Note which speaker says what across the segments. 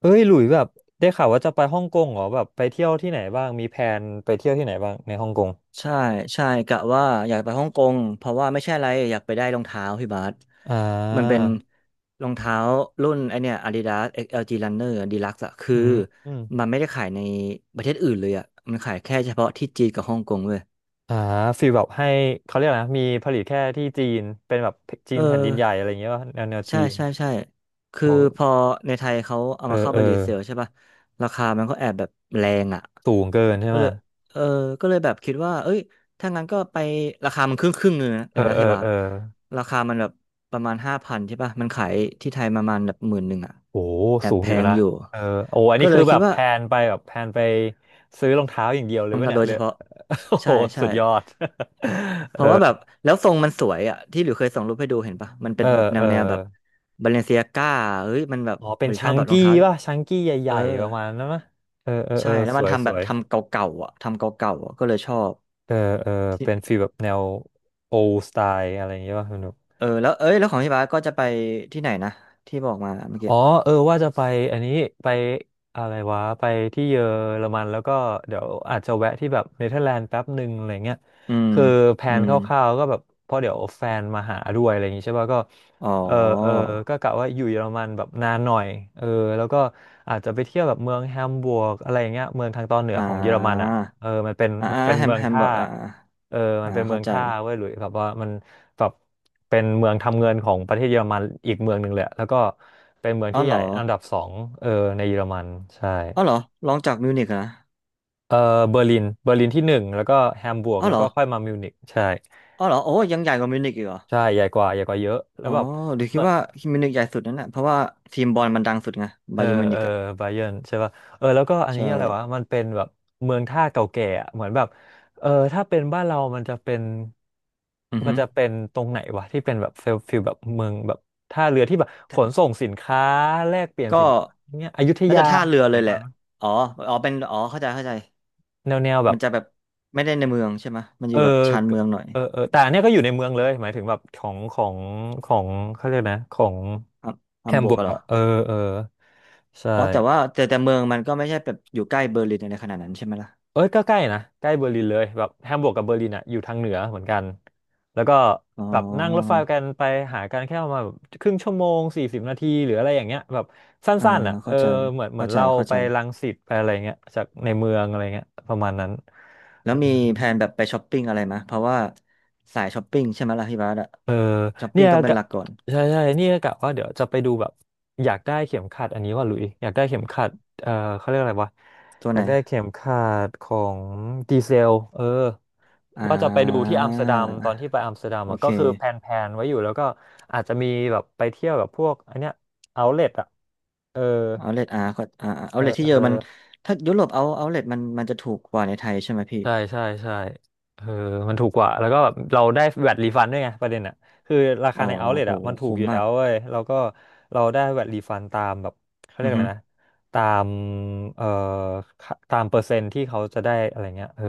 Speaker 1: เอ้ยหลุยแบบได้ข่าวว่าจะไปฮ่องกงเหรอแบบไปเที่ยวที่ไหนบ้างมีแผนไปเที่ยวที่ไหนบ้างในฮ่องกง
Speaker 2: ใช่ใช่กะว่าอยากไปฮ่องกงเพราะว่าไม่ใช่อะไรอยากไปได้รองเท้าพี่บาส
Speaker 1: อ่า
Speaker 2: มันเป็นรองเท้ารุ่นไอเนี่ย Adidas XLG Runner Deluxe อะคือ
Speaker 1: อืมอม
Speaker 2: มันไม่ได้ขายในประเทศอื่นเลยอะมันขายแค่เฉพาะที่จีนกับฮ่องกงเว้ย
Speaker 1: อ่าฟีลแบบให้เขาเรียกอะไรนะมีผลิตแค่ที่จีนเป็นแบบจี
Speaker 2: เอ
Speaker 1: น
Speaker 2: อ
Speaker 1: แผ่นดินใหญ่อะไรอย่างเงี้ยว่าแนวแนวจี
Speaker 2: ใช่
Speaker 1: น
Speaker 2: ใช่ใช่คือพ
Speaker 1: โอ้
Speaker 2: อในไทยเขาเอา
Speaker 1: เออ
Speaker 2: มาเข้า
Speaker 1: เอ
Speaker 2: ไป
Speaker 1: อ
Speaker 2: รีเซลใช่ป่ะราคามันก็แอบแบบแรงอะ
Speaker 1: สูงเกินใช่
Speaker 2: ก็
Speaker 1: ไหม
Speaker 2: เลยเออก็เลยแบบคิดว่า เอ้ยถ้างั้นก็ไปราคามันครึ่งครึ่งเลยนะเล
Speaker 1: เอ
Speaker 2: ย
Speaker 1: อ
Speaker 2: นะ
Speaker 1: เอ
Speaker 2: เฮย
Speaker 1: อ
Speaker 2: บา
Speaker 1: เอ
Speaker 2: ส
Speaker 1: อ
Speaker 2: ราคามันแบบประมาณ5,000ใช่ป่ะมันขายที่ไทยประมาณแบบหมื่นหนึ่งอะ
Speaker 1: โอ้
Speaker 2: แอบ
Speaker 1: สูง
Speaker 2: แพ
Speaker 1: อยู่
Speaker 2: ง
Speaker 1: นะ
Speaker 2: อยู่
Speaker 1: เออโอ้อัน
Speaker 2: ก็
Speaker 1: นี้
Speaker 2: เล
Speaker 1: คื
Speaker 2: ย
Speaker 1: อ
Speaker 2: คิ
Speaker 1: แบ
Speaker 2: ด
Speaker 1: บ
Speaker 2: ว่า
Speaker 1: แพลนไปแบบแพลนไปซื้อรองเท้าอย่างเดียวเลย
Speaker 2: ต้อง
Speaker 1: วะ
Speaker 2: ตัด
Speaker 1: เนี่ย
Speaker 2: โดย
Speaker 1: เล
Speaker 2: เฉ
Speaker 1: ย
Speaker 2: พาะ
Speaker 1: โอ้โห
Speaker 2: ใช่ใช่
Speaker 1: สุดยอด
Speaker 2: เพ
Speaker 1: เออ
Speaker 2: ราะว่าแบบแล้วทรงมันสวยอ่ะที่หลิวเคยส่งรูปให้ดูเห็นปะมันเป็
Speaker 1: เอ
Speaker 2: น
Speaker 1: อ
Speaker 2: แบบแน
Speaker 1: เออ
Speaker 2: วแนวแบบบาเลนเซียก้าเฮ้ย มันแบบ
Speaker 1: อ๋อเป็
Speaker 2: ห
Speaker 1: น
Speaker 2: รือช
Speaker 1: ชั
Speaker 2: อบ
Speaker 1: ง
Speaker 2: แบบรอ
Speaker 1: กี้
Speaker 2: งเท้า
Speaker 1: ป่ะชังกี้ให
Speaker 2: เอ
Speaker 1: ญ่
Speaker 2: อ
Speaker 1: ๆประมาณนั้นมั้เออ เออ เอ
Speaker 2: ใช่
Speaker 1: อ
Speaker 2: แล้ว
Speaker 1: ส
Speaker 2: มัน
Speaker 1: วย
Speaker 2: ทำ
Speaker 1: ส
Speaker 2: แบบ
Speaker 1: วย
Speaker 2: ทำเก่าๆอะก็เลยชอบ
Speaker 1: เออ เออ เป็นฟีลแบบแนวโอ d สไตล์อะไรอย่างเงี้ยป่ะคุณ
Speaker 2: เออแล้วเอ้ยแล้วของพี่บาสก็จะไปที่ไหนนะที่บอกมาเมื่อ
Speaker 1: อ๋
Speaker 2: กี้
Speaker 1: อเออว่าจะไปอันนี้ไปอะไรวะไปที่เยอรมันแล้วก็เดี๋ยวอาจจะแวะที่แบบเนเธอร์แลนด์แป๊บหนึ่งอะไรเงี้ย
Speaker 2: อืม
Speaker 1: คือแผ
Speaker 2: อื
Speaker 1: นค
Speaker 2: ม
Speaker 1: ร่าวๆก็แบบเพราะเดี๋ยวแฟนมาหาด้วยอะไรอย่างงี้ใช่ป่ะก็
Speaker 2: อ๋อ
Speaker 1: เออเออก็กะว่าอยู่เยอรมันแบบนานหน่อยเออแล้วก็อาจจะไปเที่ยวแบบเมืองแฮมบวร์กอะไรอย่างเงี้ยเมืองทางตอนเหนือ
Speaker 2: อ่
Speaker 1: ของเยอรมัน
Speaker 2: า
Speaker 1: อ่ะเออมันเป็น
Speaker 2: อ่า
Speaker 1: มัน
Speaker 2: อ่า
Speaker 1: เป็นเมือง
Speaker 2: แฮมเบ
Speaker 1: ท่า
Speaker 2: อร์กอ่า
Speaker 1: เออมั
Speaker 2: อ่า
Speaker 1: นเป็นเมื
Speaker 2: เข้า
Speaker 1: อง
Speaker 2: ใจ
Speaker 1: ท่าเว้ยหลุยแบบว่ามันแบบเป็นเมืองทำเงินของประเทศเยอรมันอีกเมืองหนึ่งเลยแล้วก็เป็นเมือง
Speaker 2: อ๋อ
Speaker 1: ที่
Speaker 2: เห
Speaker 1: ให
Speaker 2: ร
Speaker 1: ญ่
Speaker 2: อ
Speaker 1: อันดับสองเออในเยอรมันใช่
Speaker 2: อ๋อเหรอลองจากมิวนิกเหรอนะ
Speaker 1: เออเบอร์ลินเบอร์ลินที่หนึ่งแล้วก็แฮมบูร์ก
Speaker 2: อ๋อ
Speaker 1: แล้
Speaker 2: เห
Speaker 1: ว
Speaker 2: รอ
Speaker 1: ก็ค่อยมามิวนิกใช่
Speaker 2: อ๋อเหรอโอ้ยังใหญ่กว่ามิวนิกอีกเหรอ
Speaker 1: ใช่ใหญ่กว่าใหญ่กว่าเยอะแล้
Speaker 2: อ๋
Speaker 1: ว
Speaker 2: อ
Speaker 1: แบบ
Speaker 2: เดี๋ยวคิดว่ามิวนิกใหญ่สุดนั่นแหละเพราะว่าทีมบอลมันดังสุดไง
Speaker 1: เอ
Speaker 2: บา
Speaker 1: อ
Speaker 2: เยิร์นมิว
Speaker 1: เอ
Speaker 2: นิ
Speaker 1: อ
Speaker 2: กอ่ะ
Speaker 1: ไบเยิร์นใช่ป่ะเออแล้วก็อันนี้
Speaker 2: ใช่
Speaker 1: อะไรวะมันเป็นแบบเมืองท่าเก่าแก่อะเหมือนแบบเออถ้าเป็นบ้านเรามันจะเป็น
Speaker 2: อือ
Speaker 1: มั
Speaker 2: ฮึ
Speaker 1: นจะเป็นตรงไหนวะที่เป็นแบบฟิลฟิลแบบเมืองแบบท่าเรือที่แบบขนส่งสินค้าแลกเปลี่ยน
Speaker 2: ก็
Speaker 1: สินค้าเนี้ยอยุธ
Speaker 2: น่า
Speaker 1: ยา
Speaker 2: จะท่าเรือ
Speaker 1: ส
Speaker 2: เล
Speaker 1: มั
Speaker 2: ย
Speaker 1: ย
Speaker 2: แห
Speaker 1: ก่อ
Speaker 2: ละ
Speaker 1: นมั้ย
Speaker 2: อ๋ออ๋อเป็นอ๋อเข้าใจเข้าใจ
Speaker 1: แนวแนวแบ
Speaker 2: มั
Speaker 1: บ
Speaker 2: นจะแบบไม่ได้ในเมืองใช่ไหม มันอ
Speaker 1: เออ
Speaker 2: ยู่แบบชานเมืองหน่อย
Speaker 1: เออเออแต่อันเนี้ยก็อยู่ในเมืองเลยหมายถึงแบบของของของเขาเรียกนะของ
Speaker 2: ฮัม
Speaker 1: แฮ
Speaker 2: ฮัม
Speaker 1: ม
Speaker 2: บว
Speaker 1: บู
Speaker 2: ก
Speaker 1: ร์
Speaker 2: ก
Speaker 1: ก
Speaker 2: เหรอ
Speaker 1: อะเออเออใช่
Speaker 2: อ๋อแต่ว่าแต่เมืองมันก็ไม่ใช่แบบอยู่ใกล้เบอร์ลินอะไรขนาดนั้นใช่ไหมล่ะ
Speaker 1: เอ้ยก็ใกล้นะใกล้เบอร์ลินเลยแบบแฮมบูร์กกับเบอร์ลินอ่ะอยู่ทางเหนือเหมือนกันแล้วก็
Speaker 2: อ๋
Speaker 1: แบบนั่งรถไฟ
Speaker 2: อ
Speaker 1: กันไปหากันแค่ประมาณแบบครึ่งชั่วโมง40 นาทีหรืออะไรอย่างเงี้ยแบบ
Speaker 2: อ่า
Speaker 1: สั้นๆอ่ะเออ
Speaker 2: เข้าใจ
Speaker 1: เหมือนเหมือ
Speaker 2: เข้า
Speaker 1: น
Speaker 2: ใจ
Speaker 1: เรา
Speaker 2: เข้า
Speaker 1: ไป
Speaker 2: ใจ
Speaker 1: รังสิตไปอะไรเงี้ยจากในเมืองอะไรเงี้ยประมาณนั้น
Speaker 2: แล้วมีแผนแบบไปช้อปปิ้งอะไรไหมเพราะว่าสายช้อปปิ้งใช่ไหมล่ะพี่บาสอะ
Speaker 1: เออ
Speaker 2: ช้อป
Speaker 1: เนี่
Speaker 2: ปิ้ง
Speaker 1: ย
Speaker 2: ต้องเป็น
Speaker 1: กะ
Speaker 2: หลักก่อน
Speaker 1: ใช่ใช่เนี่ยกะว่าเดี๋ยวจะไปดูแบบอยากได้เข็มขัดอันนี้ว่าหลุยอยากได้เข็มขัดเออเขาเรียกอะไรวะ
Speaker 2: ตัว
Speaker 1: อ
Speaker 2: ไห
Speaker 1: ยา
Speaker 2: น
Speaker 1: กได้เข็มขัดของดีเซลเออ
Speaker 2: อ่
Speaker 1: ว่าจะไปดูที่อัมสเตอร์ดัม
Speaker 2: า
Speaker 1: ตอนที่ไปอัมสเตอร์ดัม
Speaker 2: โอ
Speaker 1: อะ
Speaker 2: เค
Speaker 1: ก็คือแพลนๆไว้อยู่แล้วก็อาจจะมีแบบไปเที่ยวแบบพวกอันเนี้ยเอาเลทอ่ะเออ
Speaker 2: เอาเลทอาร์ก็อ่าเอาเลทที่เยอะมันถ้ายุโรปเอาเลทมันจะถูกกว่าในไทยใช่ไหมพี่
Speaker 1: ใช่ใช่ใช่เออมันถูกกว่าแล้วก็แบบเราได้แวตรีฟันด้วยไงประเด็นอ่ะคือรา
Speaker 2: อ๋
Speaker 1: คา
Speaker 2: อ
Speaker 1: ในเอาท์เลท
Speaker 2: โห
Speaker 1: อ่ะมันถูก
Speaker 2: คุ้
Speaker 1: อ
Speaker 2: ม
Speaker 1: ยู่
Speaker 2: มา
Speaker 1: แล้
Speaker 2: ก
Speaker 1: วเว้ยแล้วก็เราได้แวตรีฟันตามแบบเขาเรีย
Speaker 2: อื
Speaker 1: ก
Speaker 2: อ
Speaker 1: อะ
Speaker 2: ฮึ
Speaker 1: ไรนะตามเอ่อค่าตามเปอร์เซ็นต์ที่เขาจะได้อะไรเงี้ยเออ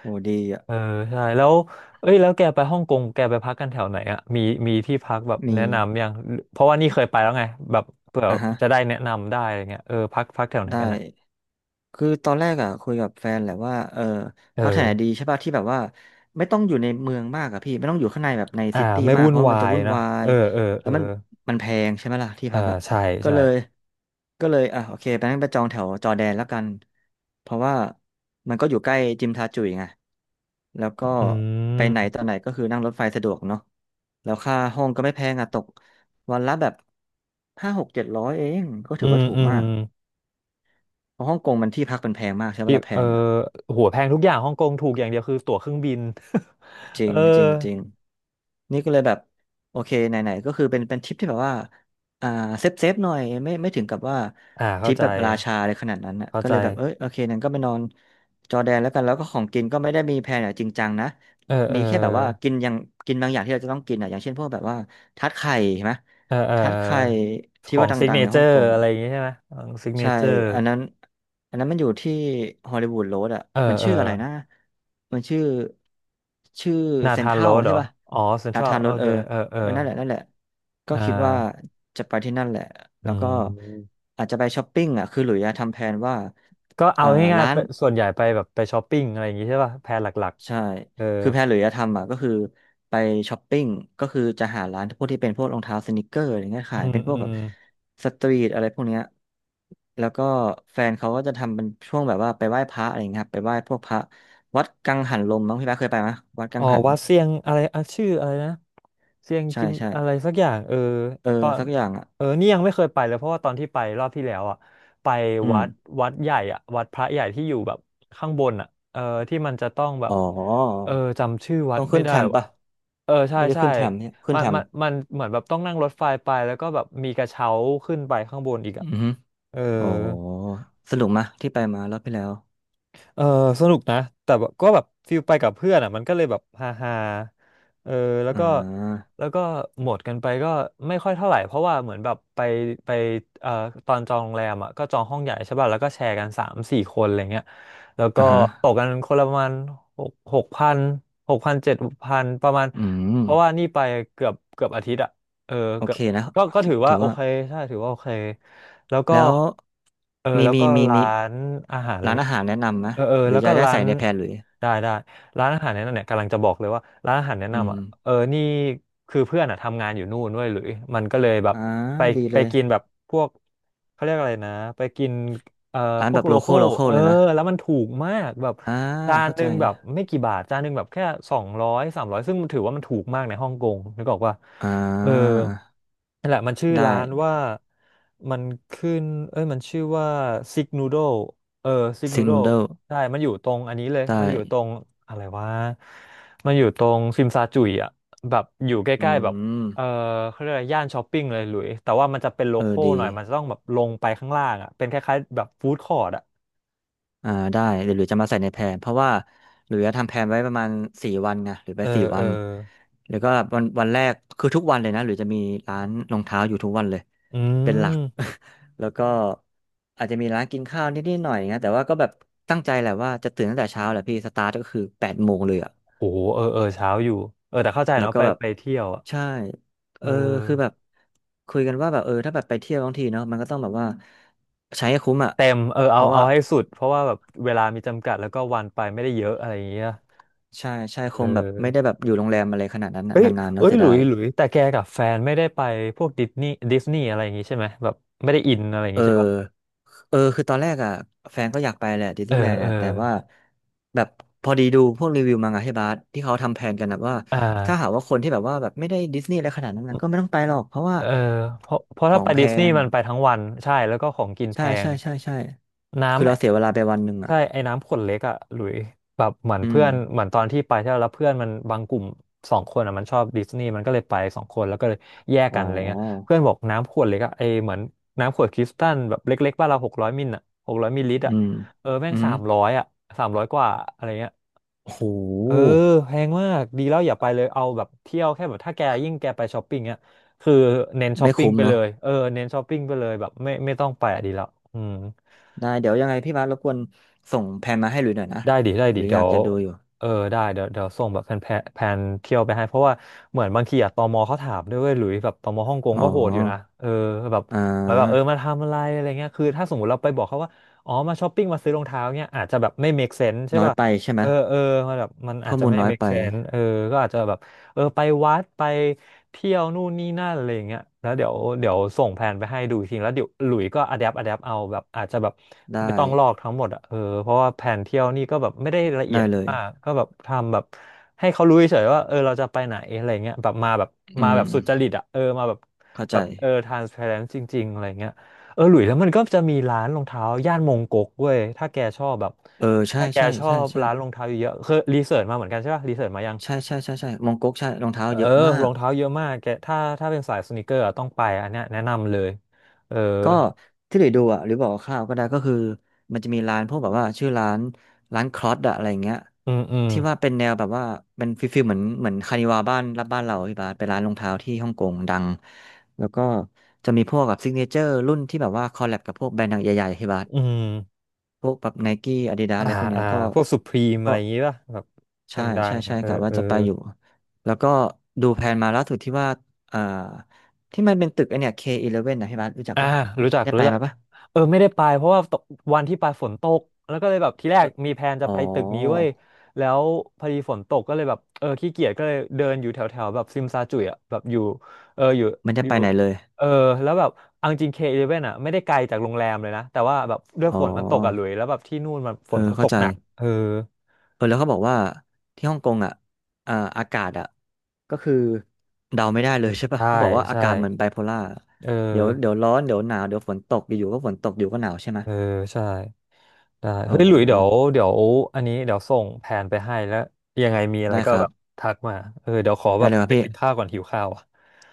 Speaker 2: โหดีอ่ะ
Speaker 1: เออใช่แล้วเอ้ยแล้วแกไปฮ่องกงแกไปพักกันแถวไหนอ่ะมีมีที่พักแบบ
Speaker 2: มี
Speaker 1: แนะนำยังเพราะว่านี่เคยไปแล้วไงแบบเผื่อ
Speaker 2: อ่ะฮะ
Speaker 1: จะได้แนะนำได้อะไรเงี้ยเออพักพักแถวไหน
Speaker 2: ได้
Speaker 1: กันนะ
Speaker 2: คือตอนแรกอ่ะคุยกับแฟนแหละว่าเออ
Speaker 1: เอ
Speaker 2: พักแถว
Speaker 1: อ
Speaker 2: ไหนดีใช่ป่ะที่แบบว่าไม่ต้องอยู่ในเมืองมากอะพี่ไม่ต้องอยู่ข้างในแบบใน
Speaker 1: อ่า
Speaker 2: ซิตี้
Speaker 1: ไม่
Speaker 2: มาก
Speaker 1: วุ่
Speaker 2: เพ
Speaker 1: น
Speaker 2: ราะ
Speaker 1: วา
Speaker 2: มันจะ
Speaker 1: ย
Speaker 2: วุ่น
Speaker 1: นะ
Speaker 2: วา
Speaker 1: เอ
Speaker 2: ย
Speaker 1: อเออ
Speaker 2: แล้
Speaker 1: เอ
Speaker 2: ว
Speaker 1: อ
Speaker 2: มันแพงใช่ไหมล่ะที่
Speaker 1: เออ
Speaker 2: พักอ่ะ
Speaker 1: ใช่
Speaker 2: ก็
Speaker 1: ใช่
Speaker 2: เลยอ่ะโอเคไปนั่งไปจองแถวจอร์แดนแล้วกันเพราะว่ามันก็อยู่ใกล้จิมทาจุยไงแล้วก็
Speaker 1: อื
Speaker 2: ไปไหน
Speaker 1: ม
Speaker 2: ตอนไหนก็คือนั่งรถไฟสะดวกเนาะแล้วค่าห้องก็ไม่แพงอ่ะตกวันละแบบห้าหกเจ็ดร้อยเองก็ถื
Speaker 1: อื
Speaker 2: อว่า
Speaker 1: ม
Speaker 2: ถูก
Speaker 1: อื
Speaker 2: มา
Speaker 1: ม
Speaker 2: ก เพราะฮ่องกงมันที่พักมันแพงมากใช่ไหมเว
Speaker 1: ที่
Speaker 2: ละแพ
Speaker 1: เออ
Speaker 2: งอ่ะ
Speaker 1: หัวแพงทุกอย่างฮ่องกงถูกอย่างเดียวคือตั๋วเครื่องบิน
Speaker 2: จ ริ
Speaker 1: เออ
Speaker 2: งจริงจริงนี่ก็เลยแบบโอเคไหนๆก็คือเป็นทริปที่แบบว่าอ่าเซฟเซฟหน่อยไม่ถึงกับว่า
Speaker 1: อ่า
Speaker 2: ท
Speaker 1: เข้า
Speaker 2: ริป
Speaker 1: ใจ
Speaker 2: แบบราชาเลยขนาดนั้นอ่ะ
Speaker 1: เข้า
Speaker 2: ก็
Speaker 1: ใจ
Speaker 2: เลยแบบเอยโอเคนั้นก็ไปนอนจอร์แดนแล้วกันแล้วก็ของกินก็ไม่ได้มีแพลนอย่างจริงจังนะ
Speaker 1: เออเอ
Speaker 2: มี
Speaker 1: อ
Speaker 2: แค่แบบว่ากินบางอย่างที่เราจะต้องกินอ่ะอย่างเช่นพวกแบบว่าทาร์ตไข่ใช่ไหม
Speaker 1: เออเออ
Speaker 2: ทาร์ตไข่
Speaker 1: ข
Speaker 2: ที่
Speaker 1: อ
Speaker 2: ว่า
Speaker 1: งซิก
Speaker 2: ดั
Speaker 1: เน
Speaker 2: งๆใน
Speaker 1: เจอ
Speaker 2: ฮ่องก
Speaker 1: ร์
Speaker 2: ง
Speaker 1: อะไร
Speaker 2: อ่ะ
Speaker 1: อย่างงี้ใช่ไหมของซิกเน
Speaker 2: ใช่
Speaker 1: เจอร์
Speaker 2: อันนั้น อันนั้นมันอยู่ที่ฮอลลีวูดโรดอ่ะ
Speaker 1: เออ
Speaker 2: มัน
Speaker 1: เออ
Speaker 2: ชื่ออะไรนะมันชื่อชื่อ
Speaker 1: นา
Speaker 2: เซ็น
Speaker 1: ธา
Speaker 2: ท
Speaker 1: น
Speaker 2: รั
Speaker 1: โร
Speaker 2: ล
Speaker 1: ดเห
Speaker 2: ใช่
Speaker 1: รอ
Speaker 2: ป่ะ
Speaker 1: อ๋อเซ็นท
Speaker 2: อา
Speaker 1: รัล
Speaker 2: คาร
Speaker 1: โอ
Speaker 2: รถเอ
Speaker 1: เค
Speaker 2: อ
Speaker 1: เออเออ
Speaker 2: เออ นั่นแหละ นั่นแหละ
Speaker 1: เอ
Speaker 2: ก็
Speaker 1: อ
Speaker 2: คิดว่าจะไปที่นั่นแหละ
Speaker 1: อื
Speaker 2: แล้วก็
Speaker 1: ม
Speaker 2: อาจจะไปช้อปปิ้งอ่ะ คือหลุยส์อะทำแผนว่า
Speaker 1: ก็เอา
Speaker 2: เอ่อ
Speaker 1: ง่าย
Speaker 2: ร้า
Speaker 1: ๆไป
Speaker 2: น
Speaker 1: ส่วนใหญ่ไปแบบไปช้อปปิ้งอะไรอย่างงี้ใช่ป่ะแพลนหลัก
Speaker 2: ใช่
Speaker 1: ๆเออ
Speaker 2: คือแพลนหรือจะทำอ่ะก็คือไปช้อปปิ้งก็คือจะหาร้านพวกที่เป็นพวกรองเท้าสนิกเกอร์อะไรเงี้ย
Speaker 1: อื
Speaker 2: ขาย
Speaker 1: ม
Speaker 2: เป็นพ
Speaker 1: อื
Speaker 2: วกแบ
Speaker 1: ม
Speaker 2: บสตรีทอะไรพวกเนี้ยแล้วก็แฟนเขาก็จะทำเป็นช่วงแบบว่าไปไหว้พระอะไรเงี้ยครับไปไหว้พวกพระวัดกังหันลมมั้งพี่แป๊ะเคยไปไหมวัดกั
Speaker 1: อ๋อ
Speaker 2: งหัน
Speaker 1: วัดเซียงอะไรอ่ะชื่ออะไรนะเซียง
Speaker 2: ใช่
Speaker 1: กิม
Speaker 2: ใช่
Speaker 1: อะไรสักอย่างเออ
Speaker 2: เออ
Speaker 1: ตอน
Speaker 2: สักอย่างอ่ะ
Speaker 1: เออนี่ยังไม่เคยไปเลยเพราะว่าตอนที่ไปรอบที่แล้วอ่ะไป
Speaker 2: อืม
Speaker 1: วัดวัดใหญ่อ่ะวัดพระใหญ่ที่อยู่แบบข้างบนอ่ะเออที่มันจะต้องแบ
Speaker 2: อ๋
Speaker 1: บ
Speaker 2: อ
Speaker 1: เออจำชื่อวั
Speaker 2: ต้
Speaker 1: ด
Speaker 2: อง
Speaker 1: ไม่
Speaker 2: ขึ้น
Speaker 1: ได้
Speaker 2: แทม
Speaker 1: ว่ะ
Speaker 2: ปะ
Speaker 1: เออใช่
Speaker 2: ไม่ได้
Speaker 1: ใช่
Speaker 2: ขึ้นแทมเนี่ยขึ้น
Speaker 1: มัน
Speaker 2: แทม
Speaker 1: มันมันเหมือนแบบต้องนั่งรถไฟไปแล้วก็แบบมีกระเช้าขึ้นไปข้างบนอีก
Speaker 2: อื
Speaker 1: อ่ะ
Speaker 2: อฮึ
Speaker 1: เออ
Speaker 2: อ๋อสนุกมะที่ไปมาแล้วไปแล้ว
Speaker 1: เออสนุกนะแต่แบบก็แบบฟิลไปกับเพื่อนอ่ะมันก็เลยแบบฮาฮาเออแล้ว
Speaker 2: อ่
Speaker 1: ก็
Speaker 2: า
Speaker 1: แล้วก็หมดกันไปก็ไม่ค่อยเท่าไหร่เพราะว่าเหมือนแบบไปเอ่อตอนจองโรงแรมอ่ะก็จองห้องใหญ่ใช่ป่ะแล้วก็แชร์กัน3-4 คนอะไรเงี้ยแล้วก็
Speaker 2: อ่าฮะ
Speaker 1: ตกกันคนละประมาณหกพัน6,000-7,000ประมาณ
Speaker 2: อืม
Speaker 1: เพราะว่านี่ไปเกือบอาทิตย์อ่ะเออ
Speaker 2: โอ
Speaker 1: เกือ
Speaker 2: เค
Speaker 1: บ
Speaker 2: นะ
Speaker 1: ก็
Speaker 2: ถ
Speaker 1: ถือว่า
Speaker 2: ถือ
Speaker 1: โอ
Speaker 2: ว่า
Speaker 1: เคใช่ถือว่าโอเคแล้วก็
Speaker 2: แล้ว
Speaker 1: เออ
Speaker 2: มี
Speaker 1: แล้วก็ร้านอาหารอะไร
Speaker 2: ร้านอา
Speaker 1: เงี้ย
Speaker 2: หารแนะนำไหม
Speaker 1: เออเออ
Speaker 2: หรือ
Speaker 1: แล้วก็
Speaker 2: จะได้
Speaker 1: ร้า
Speaker 2: ใส่
Speaker 1: น
Speaker 2: ในแพลนหรือ
Speaker 1: ได้ได้ร้านอาหารแนะนำเนี่ยกำลังจะบอกเลยว่าร้านอาหารแนะ
Speaker 2: อื
Speaker 1: นำ
Speaker 2: ม
Speaker 1: อ่ะเออนี่คือเพื่อนอ่ะทำงานอยู่นู่นด้วยหรือมันก็เลยแบบ
Speaker 2: อ่า
Speaker 1: ไป
Speaker 2: ดี
Speaker 1: ไป
Speaker 2: เลย
Speaker 1: กินแบบพวกเขาเรียกอะไรนะไปกินเอ่อ
Speaker 2: ร้าน
Speaker 1: พว
Speaker 2: แบ
Speaker 1: ก
Speaker 2: บ
Speaker 1: โล
Speaker 2: โล
Speaker 1: ค
Speaker 2: ค
Speaker 1: อ
Speaker 2: อล
Speaker 1: ล
Speaker 2: โลคอ
Speaker 1: เอ
Speaker 2: ล
Speaker 1: อ
Speaker 2: เลยไหม
Speaker 1: แล้วมันถูกมากแบบ
Speaker 2: อ่า
Speaker 1: จาน
Speaker 2: เข้า
Speaker 1: ห
Speaker 2: ใจ
Speaker 1: นึ่งแบบไม่กี่บาทจานหนึ่งแบบแค่200-300ซึ่งมันถือว่ามันถูกมากในฮ่องกงนึกออกว่า
Speaker 2: อ่า
Speaker 1: เออนั่นแหละมันชื่อ
Speaker 2: ได้
Speaker 1: ร้านว่ามันขึ้นเอ้ยมันชื่อว่าซิกนูโดเออซิกนู
Speaker 2: ซิก
Speaker 1: โด
Speaker 2: นูเดิล
Speaker 1: ใช่มันอยู่ตรงอันนี้เลย
Speaker 2: ได้
Speaker 1: มันอยู่ตรงอะไรวะมันอยู่ตรงซิมซาจุยอ่ะแบบอยู่ใก
Speaker 2: อื
Speaker 1: ล้ๆแบบ
Speaker 2: ม
Speaker 1: เออเขาเรียกอะไรย่านช้อปปิ้งเลยหลุยแต่ว่ามันจะเป็นโล
Speaker 2: เออ
Speaker 1: คอล
Speaker 2: ดี
Speaker 1: หน่อยมันจะต้องแบบลงไปข้างล่างอ่ะเป็นคล้ายๆแบบฟู้ดคอร์ทอ่ะ
Speaker 2: ได้เดี๋ยวหลุยจะมาใส่ในแพลนเพราะว่าหลุยจะทำแพลนไว้ประมาณสี่วันไงหรือไป
Speaker 1: เอ
Speaker 2: สี่
Speaker 1: อเอ
Speaker 2: วั
Speaker 1: อ
Speaker 2: นแล้วก็วันแรกคือทุกวันเลยนะหรือจะมีร้านรองเท้าอยู่ทุกวันเลย
Speaker 1: อื
Speaker 2: เป็นหลัก
Speaker 1: ม
Speaker 2: แล้วก็อาจจะมีร้านกินข้าวนิดๆหน่อยๆนะแต่ว่าก็แบบตั้งใจแหละว่าจะตื่นตั้งแต่เช้าแหละพี่สตาร์ทก็คือ8 โมงเลยอะ
Speaker 1: โหเออเออเช้าอยู่เออแต่เข้าใจ
Speaker 2: แล้ว
Speaker 1: เนาะ
Speaker 2: ก็
Speaker 1: ไป
Speaker 2: แบบ
Speaker 1: ไปเที่ยวอ่ะ
Speaker 2: ใช่เอ
Speaker 1: เออ
Speaker 2: อคือแบบคุยกันว่าแบบเออถ้าแบบไปเที่ยวทั้งทีเนาะมันก็ต้องแบบว่าใช้ให้คุ้มอ่ะ
Speaker 1: เต็มเออ
Speaker 2: เพ
Speaker 1: เอา
Speaker 2: ราะว่า
Speaker 1: เอาให้สุดเพราะว่าแบบเวลามีจำกัดแล้วก็วันไปไม่ได้เยอะอะไรอย่างเงี้ย
Speaker 2: ใช่ใช่
Speaker 1: เอ
Speaker 2: คงแบบไม่ได้
Speaker 1: อ
Speaker 2: แบบอยู่โรงแรมอะไรขนาดนั้นน่ะ
Speaker 1: เอ้ย
Speaker 2: นานๆ
Speaker 1: เอ้
Speaker 2: เนาะ
Speaker 1: ย
Speaker 2: เสีย
Speaker 1: หลุ
Speaker 2: ดา
Speaker 1: ย
Speaker 2: ย
Speaker 1: หลุยแต่แกกับแฟนไม่ได้ไปพวกดิสนีย์ดิสนีย์อะไรอย่างงี้ใช่ไหมแบบไม่ได้อินอะไรอย่าง
Speaker 2: เอ
Speaker 1: งี้ใช่ปะ
Speaker 2: อเออคือตอนแรกอ่ะแฟนก็อยากไปแหละดิส
Speaker 1: เอ
Speaker 2: นี
Speaker 1: อ
Speaker 2: ย์แลนด์
Speaker 1: เออ
Speaker 2: นะแต่ว่าแบบพอดีดูพวกรีวิวมาไงที่บาสที่เขาทำแผนกันนะว่า
Speaker 1: อ่า
Speaker 2: ถ้าหากว่าคนที่แบบว่าแบบไม่ได้ดิสนีย์อะไรขนาดนั้นนะก็ไม่ต้องไปหรอกเพราะว่า
Speaker 1: เออเพราะ
Speaker 2: ข
Speaker 1: ถ้า
Speaker 2: อง
Speaker 1: ไป
Speaker 2: แพ
Speaker 1: ดิสนีย์
Speaker 2: ง
Speaker 1: มันไปทั้งวันใช่แล้วก็ของกินแพ
Speaker 2: ใช่
Speaker 1: ง
Speaker 2: ใช่ใช่ใช่
Speaker 1: น
Speaker 2: คือเราเสียเว
Speaker 1: ้ำ
Speaker 2: ลาไปวันหนึ่งอ่ะ
Speaker 1: ใช่ไอ้น้ำขวดเล็กอะหลุยแบบเหมือน
Speaker 2: อื
Speaker 1: เพื่
Speaker 2: ม
Speaker 1: อนเหมือนตอนที่ไปเที่ยวแล้วเพื่อนมันบางกลุ่มสองคนอะมันชอบดิสนีย์มันก็เลยไปสองคนแล้วก็เลยแยก
Speaker 2: อ๋
Speaker 1: กั
Speaker 2: อ
Speaker 1: นอะไรเงี้ยเพื่อนบอกน้ำขวดเล็กอะไอเหมือนน้ำขวดคริสตัลแบบเล็กๆบ้านเราหกร้อยมิลอะ600 มิลลิลิตร
Speaker 2: อื
Speaker 1: อะ
Speaker 2: ม
Speaker 1: เออแม่
Speaker 2: อื
Speaker 1: ง
Speaker 2: ม
Speaker 1: สามร้อยอะ300 กว่าอะไรเงี้ย
Speaker 2: โอ้โห
Speaker 1: เออแพงมากดีแล้วอย่าไปเลยเอาแบบเที่ยวแค่แบบถ้าแกยิ่งแกไปช้อปปิ้งเนี้ยคือเน้นช้อป
Speaker 2: ไม่
Speaker 1: ปิ้ง
Speaker 2: คุ้ม
Speaker 1: ไปเล
Speaker 2: เนาะ
Speaker 1: ยเออเน้นช้อปปิ้งไปเลยแบบไม่ต้องไปอะดีแล้วอืม
Speaker 2: ได้เดี๋ยวยังไงพี่บาสรบกวนส่งแพลนมาให้หลุยหน่อยนะ
Speaker 1: ได้ดิได้
Speaker 2: ห
Speaker 1: ดิ
Speaker 2: รืออ
Speaker 1: เดี๋ย
Speaker 2: ยาก
Speaker 1: ว
Speaker 2: จะดูอยู่
Speaker 1: เออได้เดี๋ยวเดี๋ยวส่งแบบแผนเที่ยวไปให้เพราะว่าเหมือนบางทีอะตมเขาถามด้วยเว้ยหลุยแบบตมฮ่องกง
Speaker 2: อ๋
Speaker 1: ก็โหดอยู่นะ
Speaker 2: อ
Speaker 1: เออแบบ
Speaker 2: อ่
Speaker 1: เหมือนแบบเออ
Speaker 2: า
Speaker 1: มาทำอะไรอะไรเงี้ยคือถ้าสมมติเราไปบอกเขาว่าอ๋อมาช้อปปิ้งมาซื้อรองเท้าเงี้ยอาจจะแบบไม่ make sense ใช่
Speaker 2: น้อย
Speaker 1: ป่ะ
Speaker 2: ไปใช่ไหม
Speaker 1: เออเออมันแบบมันอา
Speaker 2: ข้
Speaker 1: จ
Speaker 2: อ
Speaker 1: จะ
Speaker 2: มูล
Speaker 1: ไม่
Speaker 2: น้อย
Speaker 1: make
Speaker 2: ไป
Speaker 1: sense เออก็อาจจะแบบ เออไปวัดไปเที่ยวนู่นนี่นั่นอะไรอย่างเงี้ยแล้วเดี๋ยวเดี๋ยวส่งแผนไปให้ดูอีกทีแล้วเดี๋ยวหลุยส์ก็อะแดปอะแดปเอาแบบอาจจะแบบ
Speaker 2: ได้
Speaker 1: ไม่ต้องลอกทั้งหมดอ่ะเออเพราะว่าแผนเที่ยวนี่ก็แบบไม่ได้ละเอีย
Speaker 2: ได้
Speaker 1: ด
Speaker 2: เลย
Speaker 1: มากก็แบบทำแบบให้เขารู้เฉยๆว่าเออเราจะไปไหนอะไรเงี้ยแบบมาแบบ
Speaker 2: อื
Speaker 1: มาแบ
Speaker 2: ม
Speaker 1: บสุจริตอ่ะเออมาแบบ
Speaker 2: เข้า
Speaker 1: แบ
Speaker 2: ใจ
Speaker 1: บเออ transparent จริงๆอะไรเงี้ยเออหลุยแล้วมันก็จะมีร้านรองเท้าย่านมงก๊กเว้ย
Speaker 2: เออใช่
Speaker 1: ถ้าแก
Speaker 2: ใช่
Speaker 1: ชอ
Speaker 2: ใช่
Speaker 1: บ
Speaker 2: ใช่
Speaker 1: ร้านรองเท้าเยอะๆคือรีเสิร์ชมาเหมือนกันใช่ป่ะรีเสิร์ชมายัง
Speaker 2: ใช่ใช่ใช่ใช่มองก๊กใช่รองเท้า
Speaker 1: เออ
Speaker 2: เยอะมา
Speaker 1: รอ
Speaker 2: ก
Speaker 1: งเท้าเยอะมากแกถ้าเป็นสายสนีกเกอร์อะต้องไปอันเนี้ยแนะนำเลยเออ
Speaker 2: ก็ที่หลุยดูอ่ะหรือบอกคร่าวๆก็ได้ก็คือมันจะมีร้านพวกแบบว่าชื่อร้านร้านคลอสอะอะไรเงี้ย
Speaker 1: อืมอืม
Speaker 2: ที่ว่าเป็นแนวแบบว่าเป็นฟิลเหมือนคานิวาบ้านรับบ้านเราพี่บาสเป็นร้านรองเท้าที่ฮ่องกงดังแล้วก็จะมีพวกแบบซิกเนเจอร์รุ่นที่แบบว่าคอลแลบกับพวกแบรนด์ดังใหญ่ๆพี่บาส
Speaker 1: อืม
Speaker 2: พวกแบบไนกี้อาดิดาส
Speaker 1: อ่า
Speaker 2: อะไรพวกเนี้
Speaker 1: อ่า
Speaker 2: ยก็
Speaker 1: พวกสุพรีมอะ
Speaker 2: ก็
Speaker 1: ไรอย่างงี้ป่ะแบบด
Speaker 2: ใช่
Speaker 1: ั
Speaker 2: ใช่
Speaker 1: ง
Speaker 2: ใช่
Speaker 1: ๆเออ
Speaker 2: กะว่า
Speaker 1: เออ
Speaker 2: จะไปอยู่แล้วก็ดูแผนมาล่าสุดที่ว่าอ่าที่มันเป็นตึกไอเนี่ย K11 นะพี่บาสรู้จัก
Speaker 1: อ่า
Speaker 2: ปะ
Speaker 1: รู้จัก
Speaker 2: ได้ไป
Speaker 1: รู้จัก
Speaker 2: มาปะ
Speaker 1: เออไม่ได้ไปเพราะว่าตกวันที่ไปฝนตกแล้วก็เลยแบบทีแรก
Speaker 2: เอ่อ
Speaker 1: มีแพลนจะ
Speaker 2: อ๋
Speaker 1: ไปตึกนี้เว้
Speaker 2: อ
Speaker 1: ยแล้วพอดีฝนตกก็เลยแบบเออขี้เกียจก็เลยเดินอยู่แถวแถวแบบซิมซาจุยอ่ะแบบอยู่เอออยู่
Speaker 2: มันจะ
Speaker 1: อ
Speaker 2: ไป
Speaker 1: ยู่
Speaker 2: ไหนเลย
Speaker 1: เออแล้วแบบเอาจริงK11อ่ะไม่ได้ไกลจากโรงแรมเลยนะแต่ว่าแบบด้วย
Speaker 2: อ๋อ
Speaker 1: ฝนมันตกอ่ะหลุยแล้วแบบที่นู่นมันฝ
Speaker 2: เออ
Speaker 1: นมันต
Speaker 2: เข้า
Speaker 1: ก
Speaker 2: ใจ
Speaker 1: หนักเออ
Speaker 2: เออแล้วเขาบอกว่าที่ฮ่องกงอ่ะอ่าอากาศอ่ะก็คือเดาไม่ได้เลยใช่ปะ
Speaker 1: ใช่
Speaker 2: เขาบอกว่าอา
Speaker 1: ใช่
Speaker 2: กาศเหมือนไบโพล่า
Speaker 1: เออ
Speaker 2: เดี๋ยวเดี๋ยวร้อนเดี๋ยวหนาวเดี๋ยวฝนตกอยู่ๆก็ฝนตกอยู่ก็หนาวใช่ไหม
Speaker 1: เออใช่ ได้
Speaker 2: โอ้
Speaker 1: เฮ้ย
Speaker 2: โห
Speaker 1: หลุยเดี๋ยวเดี๋ยวอันนี้เดี๋ยวส่งแผนไปให้แล้ว ยังไงมีอะไร
Speaker 2: ได้
Speaker 1: ก็
Speaker 2: ครั
Speaker 1: แบ
Speaker 2: บ
Speaker 1: บทักมาเออเดี๋ยวขอ
Speaker 2: ได้
Speaker 1: แบบ
Speaker 2: เลยครับ
Speaker 1: ไป
Speaker 2: พี่
Speaker 1: กินข้าวก่อนหิวข้าวอ่ะ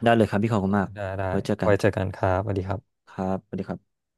Speaker 2: ได้เลยครับพี่ขอบคุณมาก
Speaker 1: ได้ได้
Speaker 2: ไว้เจอกั
Speaker 1: ไว้
Speaker 2: น
Speaker 1: เจอกันครับสวัสดีครับ
Speaker 2: ครับสวัสดีครับ